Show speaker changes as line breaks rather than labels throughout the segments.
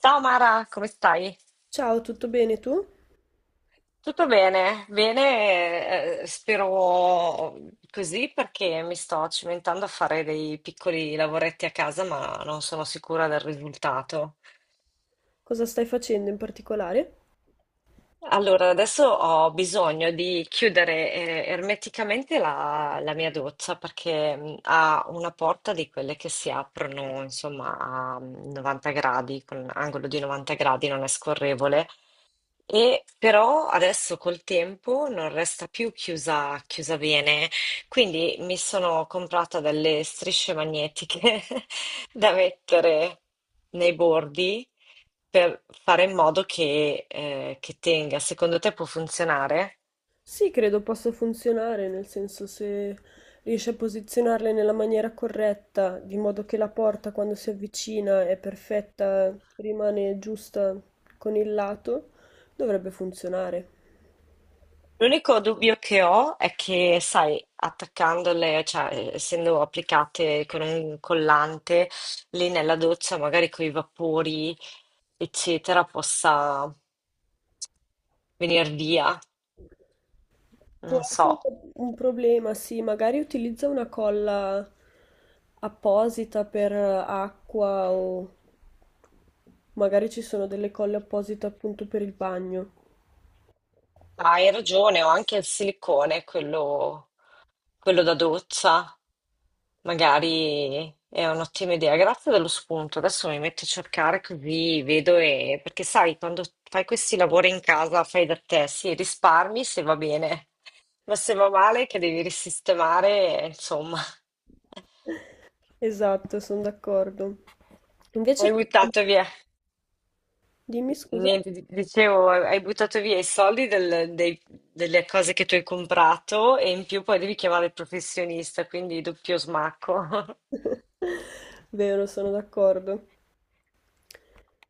Ciao Mara, come stai?
Ciao, tutto bene tu?
Tutto bene? Bene, spero così perché mi sto cimentando a fare dei piccoli lavoretti a casa, ma non sono sicura del risultato.
Cosa stai facendo in particolare?
Allora, adesso ho bisogno di chiudere ermeticamente la mia doccia perché ha una porta di quelle che si aprono, insomma, a 90 gradi, con angolo di 90 gradi, non è scorrevole. E però adesso col tempo non resta più chiusa, chiusa bene, quindi mi sono comprata delle strisce magnetiche da mettere nei bordi per fare in modo che tenga. Secondo te può funzionare?
Sì, credo possa funzionare, nel senso se riesci a posizionarle nella maniera corretta, di modo che la porta quando si avvicina è perfetta, rimane giusta con il lato, dovrebbe funzionare.
L'unico dubbio che ho è che, sai, attaccandole, cioè essendo applicate con un collante lì nella doccia, magari con i vapori, eccetera, possa venire via.
Può
Non
essere
so.
un problema, sì, magari utilizza una colla apposita per acqua o magari ci sono delle colle apposite appunto per il bagno.
Ma hai ragione, ho anche il silicone, quello da doccia. Magari è un'ottima idea, grazie dello spunto. Adesso mi metto a cercare così vedo perché sai, quando fai questi lavori in casa, fai da te, sì, risparmi se va bene, ma se va male che devi risistemare, insomma,
Esatto, sono d'accordo. Invece,
hai buttato via,
dimmi scusa.
niente, dicevo, hai buttato via i soldi delle cose che tu hai comprato e in più poi devi chiamare il professionista, quindi doppio smacco.
Vero, sono d'accordo.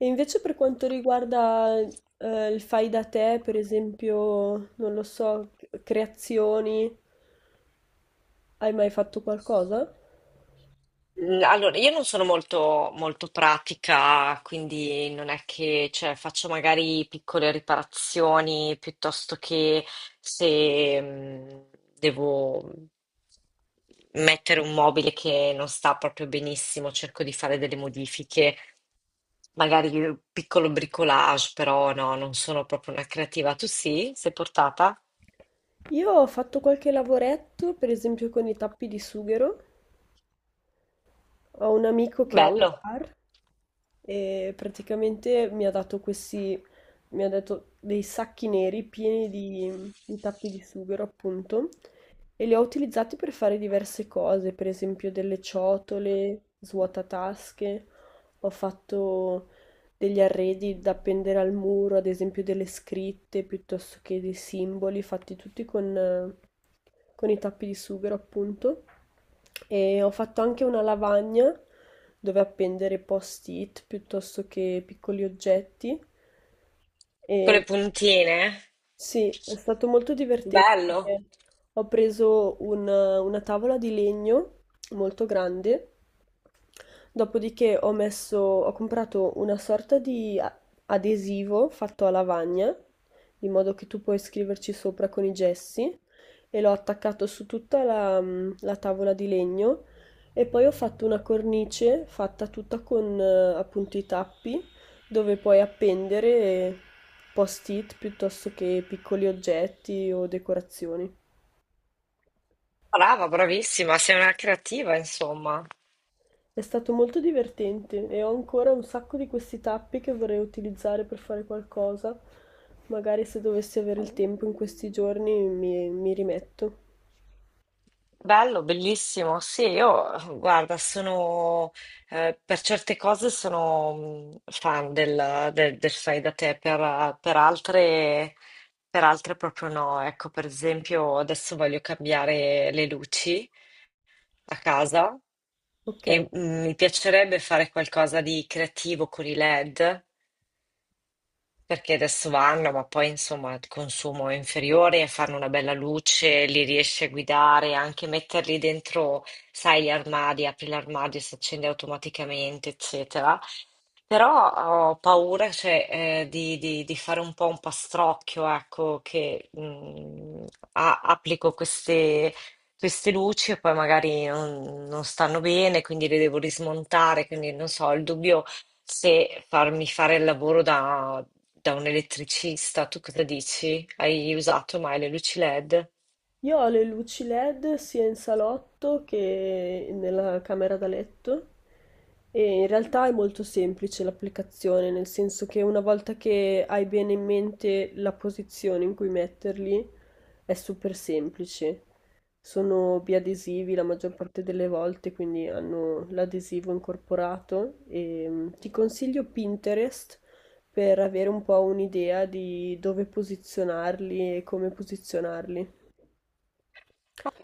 E invece per quanto riguarda il fai da te, per esempio, non lo so, creazioni, hai mai fatto qualcosa?
Allora, io non sono molto, molto pratica, quindi non è che cioè, faccio magari piccole riparazioni piuttosto che se devo mettere un mobile che non sta proprio benissimo, cerco di fare delle modifiche, magari un piccolo bricolage, però no, non sono proprio una creativa. Tu sì? Sei portata?
Io ho fatto qualche lavoretto, per esempio con i tappi di sughero. Ho un amico che ha un
Bello,
bar e praticamente mi ha dato dei sacchi neri pieni di tappi di sughero, appunto, e li ho utilizzati per fare diverse cose, per esempio delle ciotole, svuotatasche, ho fatto degli arredi da appendere al muro, ad esempio delle scritte, piuttosto che dei simboli, fatti tutti con i tappi di sughero, appunto. E ho fatto anche una lavagna dove appendere post-it piuttosto che piccoli oggetti.
con le
E
puntine.
sì, è stato molto divertente
Bello.
perché ho preso una tavola di legno molto grande, dopodiché ho comprato una sorta di adesivo fatto a lavagna, di modo che tu puoi scriverci sopra con i gessi, e l'ho attaccato su tutta la tavola di legno e poi ho fatto una cornice fatta tutta con appunto i tappi dove puoi appendere post-it piuttosto che piccoli oggetti o decorazioni.
Brava, bravissima, sei una creativa, insomma.
È stato molto divertente e ho ancora un sacco di questi tappi che vorrei utilizzare per fare qualcosa. Magari se dovessi avere il tempo in questi giorni mi rimetto.
Bello, bellissimo. Sì, io, guarda, per certe cose sono fan del fai da te, per altre proprio no. Ecco, per esempio, adesso voglio cambiare le luci a casa
Ok?
e mi piacerebbe fare qualcosa di creativo con i LED. Perché adesso vanno, ma poi insomma il consumo è inferiore, fanno una bella luce, li riesci a guidare, anche metterli dentro, sai, gli armadi, apri l'armadio, si accende automaticamente, eccetera. Però ho paura, cioè, di fare un po' un pastrocchio, ecco, che applico queste luci e poi magari non stanno bene, quindi le devo rismontare, quindi non so, il dubbio se farmi fare il lavoro da, un elettricista. Tu cosa dici? Hai usato mai le luci LED?
Io ho le luci LED sia in salotto che nella camera da letto e in realtà è molto semplice l'applicazione, nel senso che una volta che hai bene in mente la posizione in cui metterli, è super semplice. Sono biadesivi la maggior parte delle volte, quindi hanno l'adesivo incorporato e ti consiglio Pinterest per avere un po' un'idea di dove posizionarli e come posizionarli.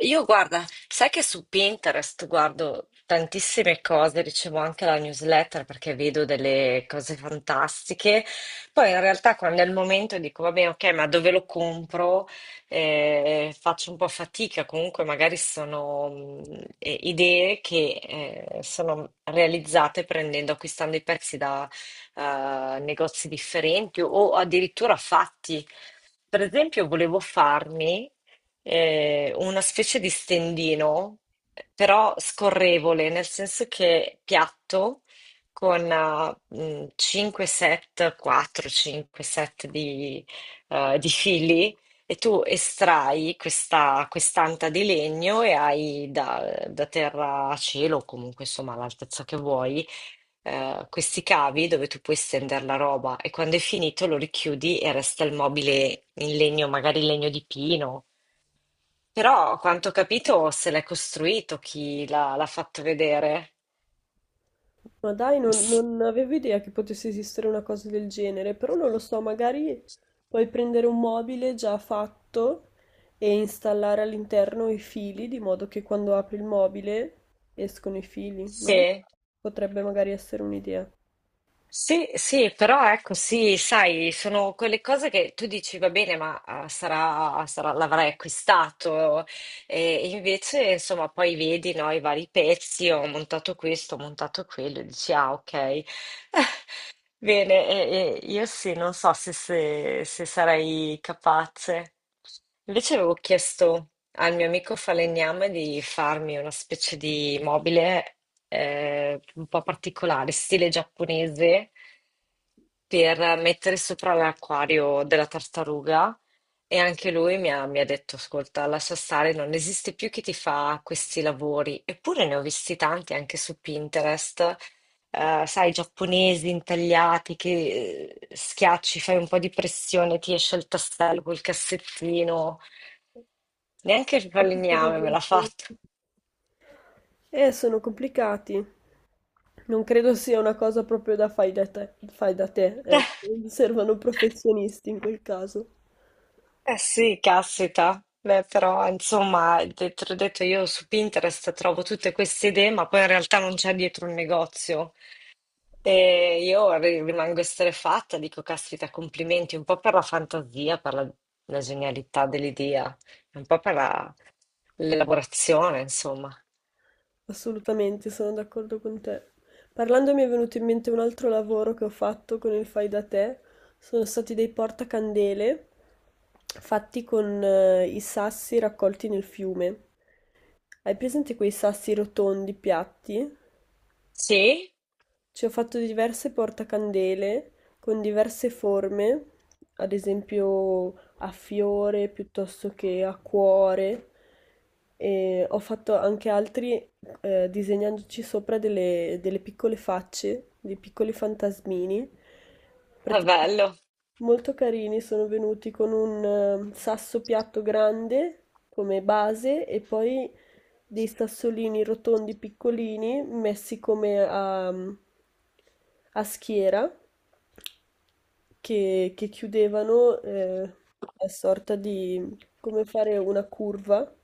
Io guarda, sai che su Pinterest guardo tantissime cose, ricevo anche la newsletter perché vedo delle cose fantastiche. Poi in realtà quando è il momento dico, vabbè, ok, ma dove lo compro? Faccio un po' fatica, comunque magari sono idee che sono realizzate prendendo, acquistando i pezzi da negozi differenti o addirittura fatti. Per esempio, volevo farmi una specie di stendino, però scorrevole, nel senso che piatto, con 5 set, 4-5 set di fili, e tu estrai questa quest'anta di legno e hai da terra a cielo, o comunque insomma all'altezza che vuoi, questi cavi dove tu puoi stendere la roba e quando è finito lo richiudi e resta il mobile in legno, magari legno di pino però, a quanto ho capito, se l'è costruito chi l'ha fatto vedere.
Ma dai,
S-
non avevo idea che potesse esistere una cosa del genere, però non lo so, magari puoi prendere un mobile già fatto e installare all'interno i fili, di modo che quando apri il mobile escono i fili. Non lo
Sì,
so, potrebbe magari essere un'idea.
sì, sì, però ecco, sì, sai, sono quelle cose che tu dici, va bene, ma l'avrai acquistato. E invece, insomma, poi vedi, no, i vari pezzi, ho montato questo, ho montato quello, e dici, ah, ok. Bene, e io sì, non so se, se sarai capace. Invece avevo chiesto al mio amico falegname di farmi una specie di mobile un po' particolare, stile giapponese, per mettere sopra l'acquario della tartaruga. E anche lui mi ha detto, ascolta, lascia stare, non esiste più chi ti fa questi lavori. Eppure ne ho visti tanti anche su Pinterest sai, giapponesi intagliati che schiacci, fai un po' di pressione, ti esce il tassello col cassettino. Neanche il
Capito
falegname
cosa
me l'ha
intendi?
fatto.
Sono complicati. Non credo sia una cosa proprio da fai da te, ecco. Servono professionisti in quel caso.
Eh sì, caspita. Beh, però, insomma, te l'ho detto, io su Pinterest trovo tutte queste idee, ma poi in realtà non c'è dietro un negozio. E io rimango estrefatta, dico, caspita, complimenti un po' per la fantasia, per la genialità dell'idea, un po' per l'elaborazione, insomma.
Assolutamente, sono d'accordo con te. Parlando mi è venuto in mente un altro lavoro che ho fatto con il fai da te. Sono stati dei portacandele fatti con i sassi raccolti nel fiume. Hai presente quei sassi rotondi piatti?
Sì,
Ci ho fatto diverse portacandele con diverse forme, ad esempio a fiore piuttosto che a cuore, e ho fatto anche altri disegnandoci sopra delle piccole facce, dei piccoli fantasmini.
è
Praticamente
bello.
molto carini, sono venuti con un sasso piatto grande come base e poi dei sassolini rotondi piccolini messi come a schiera che chiudevano una sorta di come fare una curva.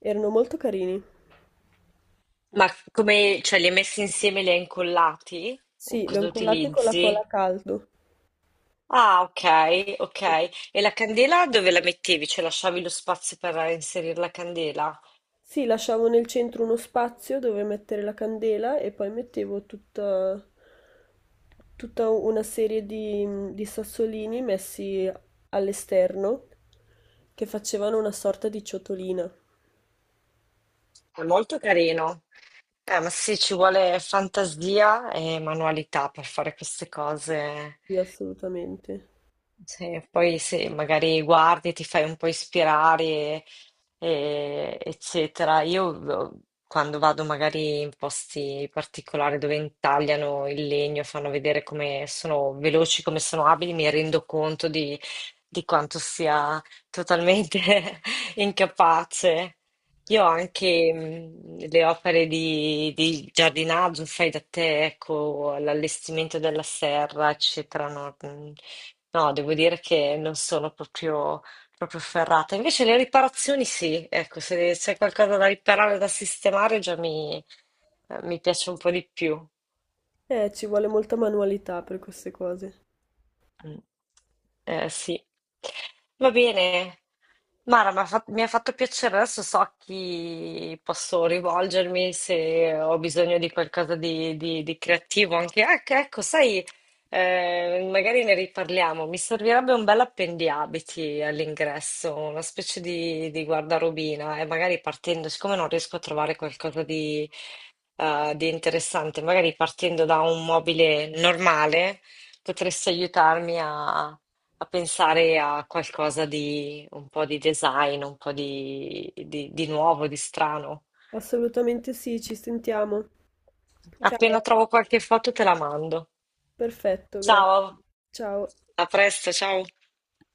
Erano molto carini.
Ma come, cioè, li hai messi insieme, li hai incollati? O
Sì, li ho
cosa
incollati con la colla a
utilizzi?
caldo.
Ah, ok, ok. E la candela dove la mettevi? Cioè, lasciavi lo spazio per inserire la candela?
Sì, lasciavo nel centro uno spazio dove mettere la candela e poi mettevo tutta una serie di sassolini messi all'esterno che facevano una sorta di ciotolina.
È molto carino. Ma sì, ci vuole fantasia e manualità per fare queste cose.
Sì, assolutamente.
Sì, poi se magari guardi, ti fai un po' ispirare, eccetera. Io quando vado magari in posti particolari dove intagliano il legno, fanno vedere come sono veloci, come sono abili, mi rendo conto di, quanto sia totalmente incapace. Io ho anche le opere di giardinaggio, fai da te, ecco, l'allestimento della serra, eccetera, no? No, devo dire che non sono proprio, proprio ferrata. Invece le riparazioni sì, ecco, se c'è qualcosa da riparare, da sistemare, già mi piace un po' di più.
Ci vuole molta manualità per queste cose.
Mh. Sì. Va bene. Mara, m'ha fa mi ha fatto piacere. Adesso so a chi posso rivolgermi se ho bisogno di qualcosa di creativo anche ec ecco, sai, magari ne riparliamo. Mi servirebbe un bell'appendiabiti all'ingresso, una specie di guardarobina e magari partendo siccome non riesco a trovare qualcosa di interessante, magari partendo da un mobile normale. Potresti aiutarmi a pensare a qualcosa di un po' di design, un po' di nuovo, di strano.
Assolutamente sì, ci sentiamo.
Appena
Ciao,
trovo qualche foto te la mando.
perfetto, grazie.
Ciao,
Ciao.
a presto, ciao.